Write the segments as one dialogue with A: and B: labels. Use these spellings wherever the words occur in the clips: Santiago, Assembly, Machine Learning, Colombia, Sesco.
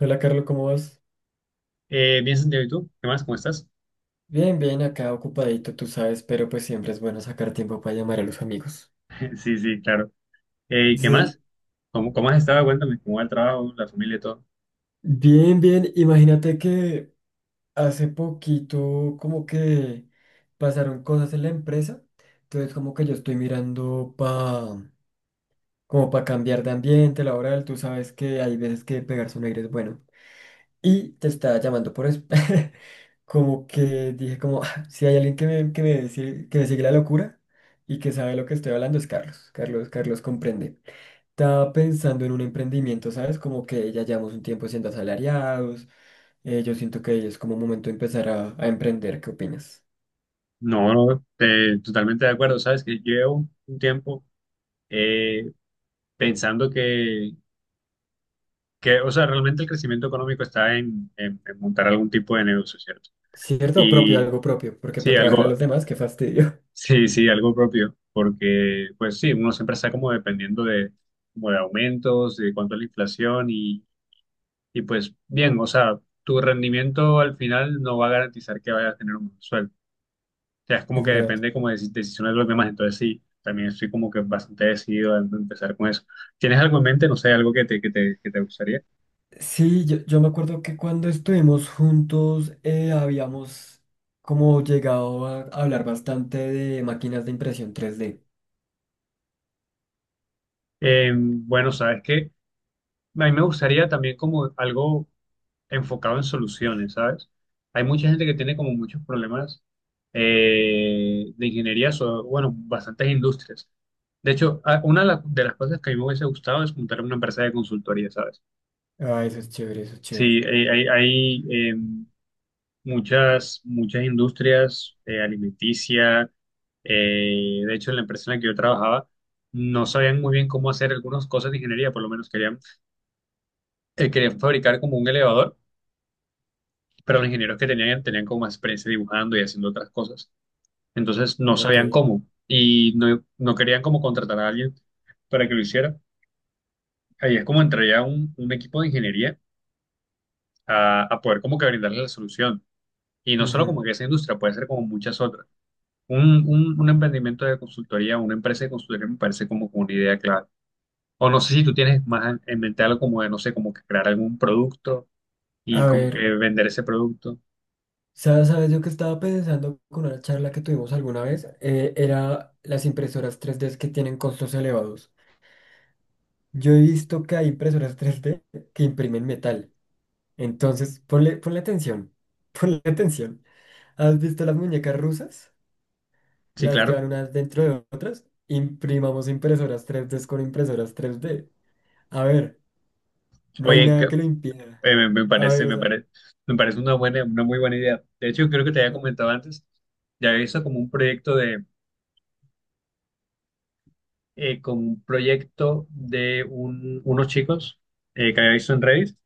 A: Hola Carlos, ¿cómo vas?
B: Bien, Santiago, ¿y tú? ¿Qué más? ¿Cómo estás?
A: Bien, bien, acá ocupadito, tú sabes, pero pues siempre es bueno sacar tiempo para llamar a los amigos.
B: Sí, sí, claro. ¿Y qué más?
A: Sí,
B: ¿Cómo has estado? Cuéntame, ¿cómo va el trabajo, la familia y todo?
A: bien, bien. Imagínate que hace poquito como que pasaron cosas en la empresa, entonces como que yo estoy mirando pa, como para cambiar de ambiente laboral, tú sabes que hay veces que pegarse un aire es bueno. Y te estaba llamando por eso. Como que dije, como, "Ah, si hay alguien que me sigue la locura y que sabe lo que estoy hablando, es Carlos. Carlos comprende. Estaba pensando en un emprendimiento, ¿sabes? Como que ya llevamos un tiempo siendo asalariados. Yo siento que es como momento de empezar a emprender. ¿Qué opinas?
B: No, no, totalmente de acuerdo. Sabes que llevo un tiempo eh, pensando que, o sea, realmente el crecimiento económico está en montar algún tipo de negocio, ¿cierto?
A: ¿Cierto? Propio,
B: Y
A: algo propio. Porque para
B: sí,
A: trabajar a
B: algo,
A: los demás, qué fastidio.
B: sí, sí, algo propio, porque, pues sí, uno siempre está como dependiendo de, como de aumentos, de cuánto es la inflación. Y pues bien, o sea, tu rendimiento al final no va a garantizar que vayas a tener un buen sueldo. O sea, es como
A: Es
B: que
A: verdad.
B: depende como de decisiones de los demás. Entonces sí, también estoy como que bastante decidido a empezar con eso. ¿Tienes algo en mente? No sé, algo que te gustaría.
A: Sí, yo me acuerdo que cuando estuvimos juntos habíamos como llegado a hablar bastante de máquinas de impresión 3D.
B: Bueno, sabes que a mí me gustaría también como algo enfocado en soluciones, ¿sabes? Hay mucha gente que tiene como muchos problemas de ingeniería, bueno, bastantes industrias. De hecho, una de de las cosas que a mí me hubiese gustado es montar una empresa de consultoría, ¿sabes?
A: Ah, eso es chévere, eso es
B: Sí,
A: chévere.
B: hay, muchas industrias alimenticia. De hecho, en la empresa en la que yo trabajaba, no sabían muy bien cómo hacer algunas cosas de ingeniería, por lo menos querían, querían fabricar como un elevador, pero los ingenieros que tenían como más experiencia dibujando y haciendo otras cosas. Entonces no
A: Ok.
B: sabían cómo y no, no querían como contratar a alguien para que lo hiciera. Ahí es como entraría un equipo de ingeniería a poder como que brindarle la solución. Y no solo
A: Ujú.
B: como que esa industria, puede ser como muchas otras. Un emprendimiento de consultoría, una empresa de consultoría me parece como una idea clave. O no sé si tú tienes más en mente algo como de, no sé, como que crear algún producto y
A: A
B: como
A: ver,
B: que vender ese producto.
A: ¿sabes yo que estaba pensando con una charla que tuvimos alguna vez? Era las impresoras 3D que tienen costos elevados. Yo he visto que hay impresoras 3D que imprimen metal. Entonces, ponle atención, ponle atención. ¿Has visto las muñecas rusas?
B: Sí,
A: Las que
B: claro.
A: van unas dentro de otras, imprimamos impresoras tres d con impresoras tres d. A ver, no hay
B: Oye,
A: nada que lo impida.
B: Eh, me, me
A: A
B: parece,
A: ver, o
B: me
A: sea,
B: parece, me parece una muy buena idea. De hecho, creo que te había comentado antes, ya había visto como un proyecto de, como un proyecto de unos chicos que había visto en Reddit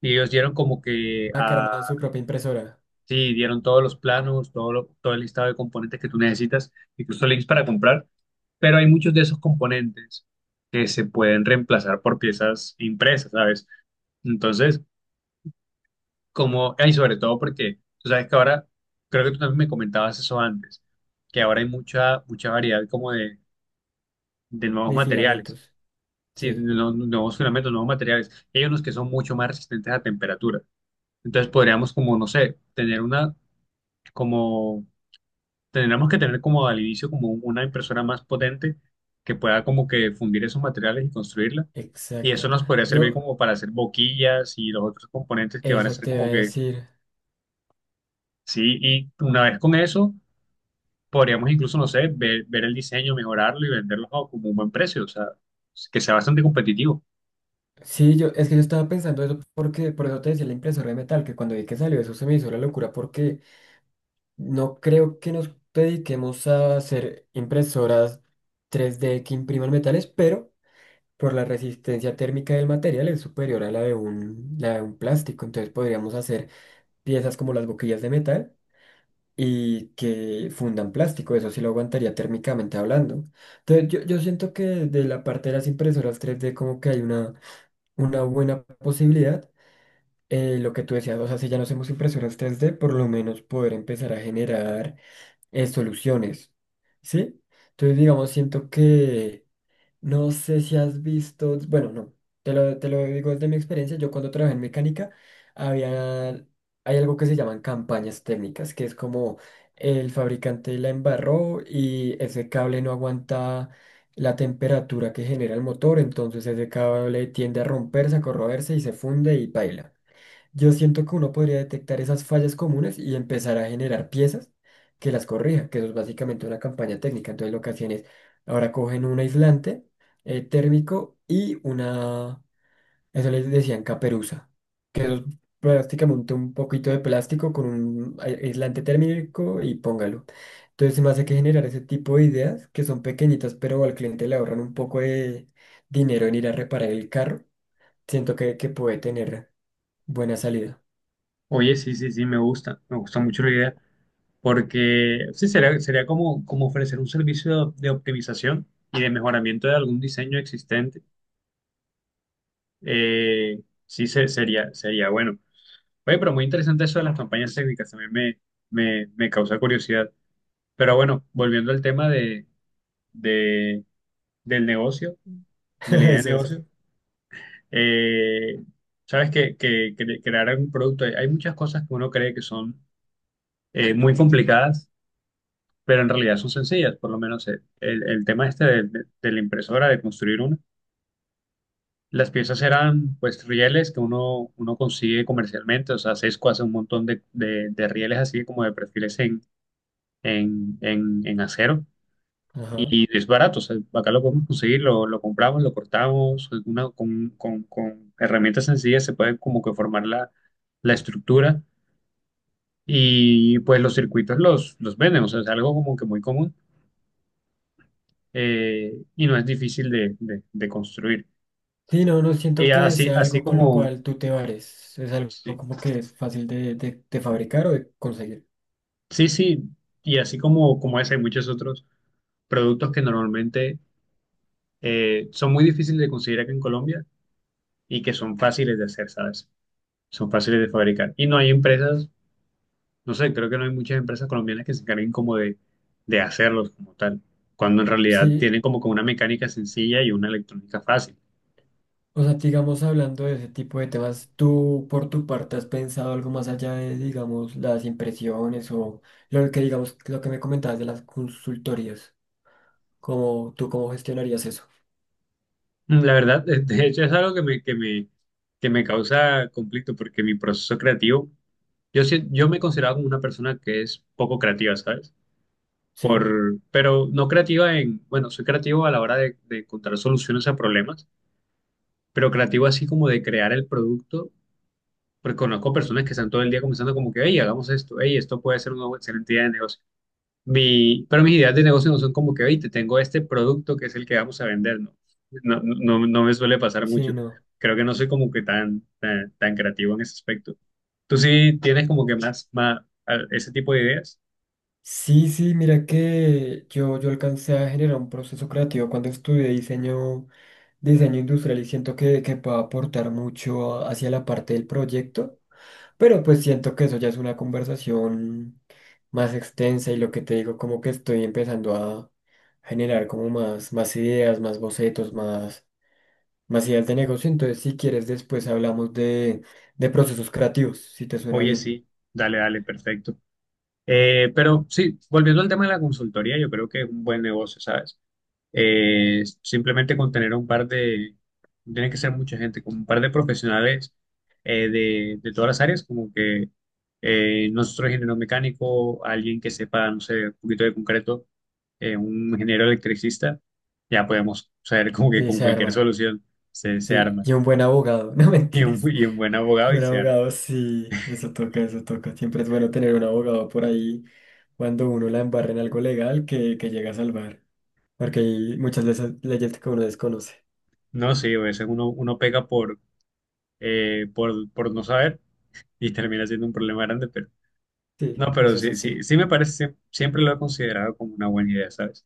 B: y ellos dieron como que, ah,
A: acarman su propia impresora
B: sí, dieron todos los planos, todo el listado de componentes que tú necesitas, incluso links para comprar, pero hay muchos de esos componentes que se pueden reemplazar por piezas impresas, ¿sabes? Entonces, como, y sobre todo porque tú sabes que ahora, creo que tú también me comentabas eso antes, que ahora hay mucha variedad como de nuevos
A: de
B: materiales,
A: filamentos.
B: sí, de
A: Sí,
B: nuevos filamentos, nuevos materiales. Hay unos que son mucho más resistentes a temperatura. Entonces podríamos como, no sé, tener una, como, tendríamos que tener como al inicio como una impresora más potente que pueda como que fundir esos materiales y construirla. Y eso
A: exacto.
B: nos podría servir
A: Yo,
B: como para hacer boquillas y los otros componentes que van a
A: eso
B: ser
A: te iba a
B: como que,
A: decir.
B: sí, y una vez con eso podríamos incluso, no sé, ver el diseño, mejorarlo y venderlo a como un buen precio, o sea, que sea bastante competitivo.
A: Sí, yo, es que yo estaba pensando eso porque, por eso te decía la impresora de metal, que cuando vi que salió eso se me hizo la locura porque no creo que nos dediquemos a hacer impresoras tres d que impriman metales, pero por la resistencia térmica del material es superior a la de un plástico. Entonces podríamos hacer piezas como las boquillas de metal y que fundan plástico. Eso sí lo aguantaría térmicamente hablando. Entonces yo siento que de la parte de las impresoras 3D como que hay una buena posibilidad. Lo que tú decías, o sea, si ya no hacemos impresoras 3D, por lo menos poder empezar a generar soluciones. ¿Sí? Entonces, digamos, siento que no sé si has visto, bueno, no, te lo digo desde mi experiencia, yo cuando trabajé en mecánica, había, hay algo que se llaman campañas técnicas, que es como el fabricante la embarró y ese cable no aguanta la temperatura que genera el motor, entonces ese cable tiende a romperse, a corroerse y se funde y baila. Yo siento que uno podría detectar esas fallas comunes y empezar a generar piezas que las corrija, que eso es básicamente una campaña técnica. Entonces lo que hacían es, ahora cogen un aislante térmico y una, eso les decían caperuza, que eso es prácticamente un poquito de plástico con un aislante térmico y póngalo. Entonces se me hace que generar ese tipo de ideas que son pequeñitas, pero al cliente le ahorran un poco de dinero en ir a reparar el carro. Siento que puede tener buena salida.
B: Oye, sí, sí, sí, me gusta mucho la idea, porque sí, sería como, ofrecer un servicio de optimización y de mejoramiento de algún diseño existente. Sí, sería bueno. Oye, pero muy interesante eso de las campañas técnicas, también me causa curiosidad. Pero bueno, volviendo al tema de, del negocio, de la idea de
A: Eso, eso.
B: negocio, eh, sabes que crear algún producto, hay muchas cosas que uno cree que son muy complicadas, pero en realidad son sencillas, por lo menos el tema este de la impresora, de construir una. Las piezas eran pues rieles que uno consigue comercialmente, o sea, Sesco hace un montón de rieles así como de perfiles en acero.
A: Ajá.
B: Y es barato, o sea, acá lo podemos conseguir, lo compramos, lo cortamos, con herramientas sencillas se puede como que formar la estructura y pues los circuitos los venden, o sea, es algo como que muy común y no es difícil de construir.
A: Sí, no, no
B: Y
A: siento que
B: así,
A: sea
B: así
A: algo con lo
B: como,
A: cual tú te vares. Es algo
B: sí,
A: como que es fácil de, de fabricar o de conseguir.
B: sí, sí, y así como, ese, hay muchos otros productos que normalmente son muy difíciles de conseguir acá en Colombia y que son fáciles de hacer, ¿sabes? Son fáciles de fabricar. Y no hay empresas. No sé, creo que no hay muchas empresas colombianas que se encarguen como de, hacerlos como tal, cuando en realidad
A: Sí,
B: tienen como una mecánica sencilla y una electrónica fácil.
A: o sea, digamos, hablando de ese tipo de temas, ¿tú por tu parte has pensado algo más allá de, digamos, las impresiones o lo que, digamos, lo que me comentabas de las consultorías? ¿Cómo, tú cómo gestionarías eso?
B: La verdad, de hecho es algo que me causa conflicto porque mi proceso creativo, yo, yo me considero como una persona que es poco creativa, ¿sabes?
A: Sí,
B: Pero no creativa en, bueno, soy creativo a la hora de encontrar soluciones a problemas, pero creativo así como de crear el producto. Porque conozco personas que están todo el día comenzando como que, hey, hagamos esto, hey, esto puede ser una excelente idea de negocio. Pero mis ideas de negocio no son como que, hey, te tengo este producto que es el que vamos a vender, ¿no? No, no, no, no me suele pasar
A: sí,
B: mucho.
A: no.
B: Creo que no soy como que tan creativo en ese aspecto. ¿Tú sí tienes como que más ese tipo de ideas?
A: Sí, sí, mira que yo alcancé a generar un proceso creativo cuando estudié diseño industrial y siento que puedo aportar mucho hacia la parte del proyecto, pero pues siento que eso ya es una conversación más extensa y lo que te digo, como que estoy empezando a generar como más, más ideas, más bocetos, más, más ideas de negocio, entonces si quieres después hablamos de procesos creativos, si te suena
B: Oye,
A: bien.
B: sí, dale, dale, perfecto. Pero sí, volviendo al tema de la consultoría, yo creo que es un buen negocio, ¿sabes? Simplemente con tener un par de, no tiene que ser mucha gente, con un par de profesionales de, todas las áreas, como que nosotros ingeniero mecánico, alguien que sepa, no sé, un poquito de concreto, un ingeniero electricista, ya podemos saber como que
A: Sí,
B: con
A: se
B: cualquier
A: arma.
B: solución se
A: Sí,
B: arma.
A: y un buen abogado, no
B: Y un,
A: mentiras.
B: y un buen abogado y
A: Un
B: se arma.
A: abogado, sí, eso toca, eso toca. Siempre es bueno tener un abogado por ahí cuando uno la embarra en algo legal que llega a salvar. Porque hay muchas veces leyes que uno desconoce.
B: No, sí, a veces uno pega por no saber y termina siendo un problema grande, pero. No,
A: Sí,
B: pero
A: eso es
B: sí,
A: así.
B: sí, sí me parece, sí, siempre lo he considerado como una buena idea, ¿sabes?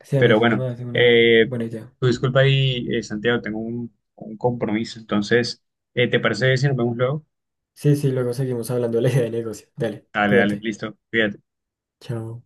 A: Sí, a mí
B: Pero
A: eso se
B: bueno,
A: me hace una
B: eh,
A: buena idea.
B: tu disculpa ahí, Santiago, tengo un compromiso, entonces, ¿te parece si nos vemos luego?
A: Sí, sí, luego seguimos hablando de la idea de negocio. Dale,
B: Dale, dale,
A: cuídate.
B: listo, cuídate.
A: Chao.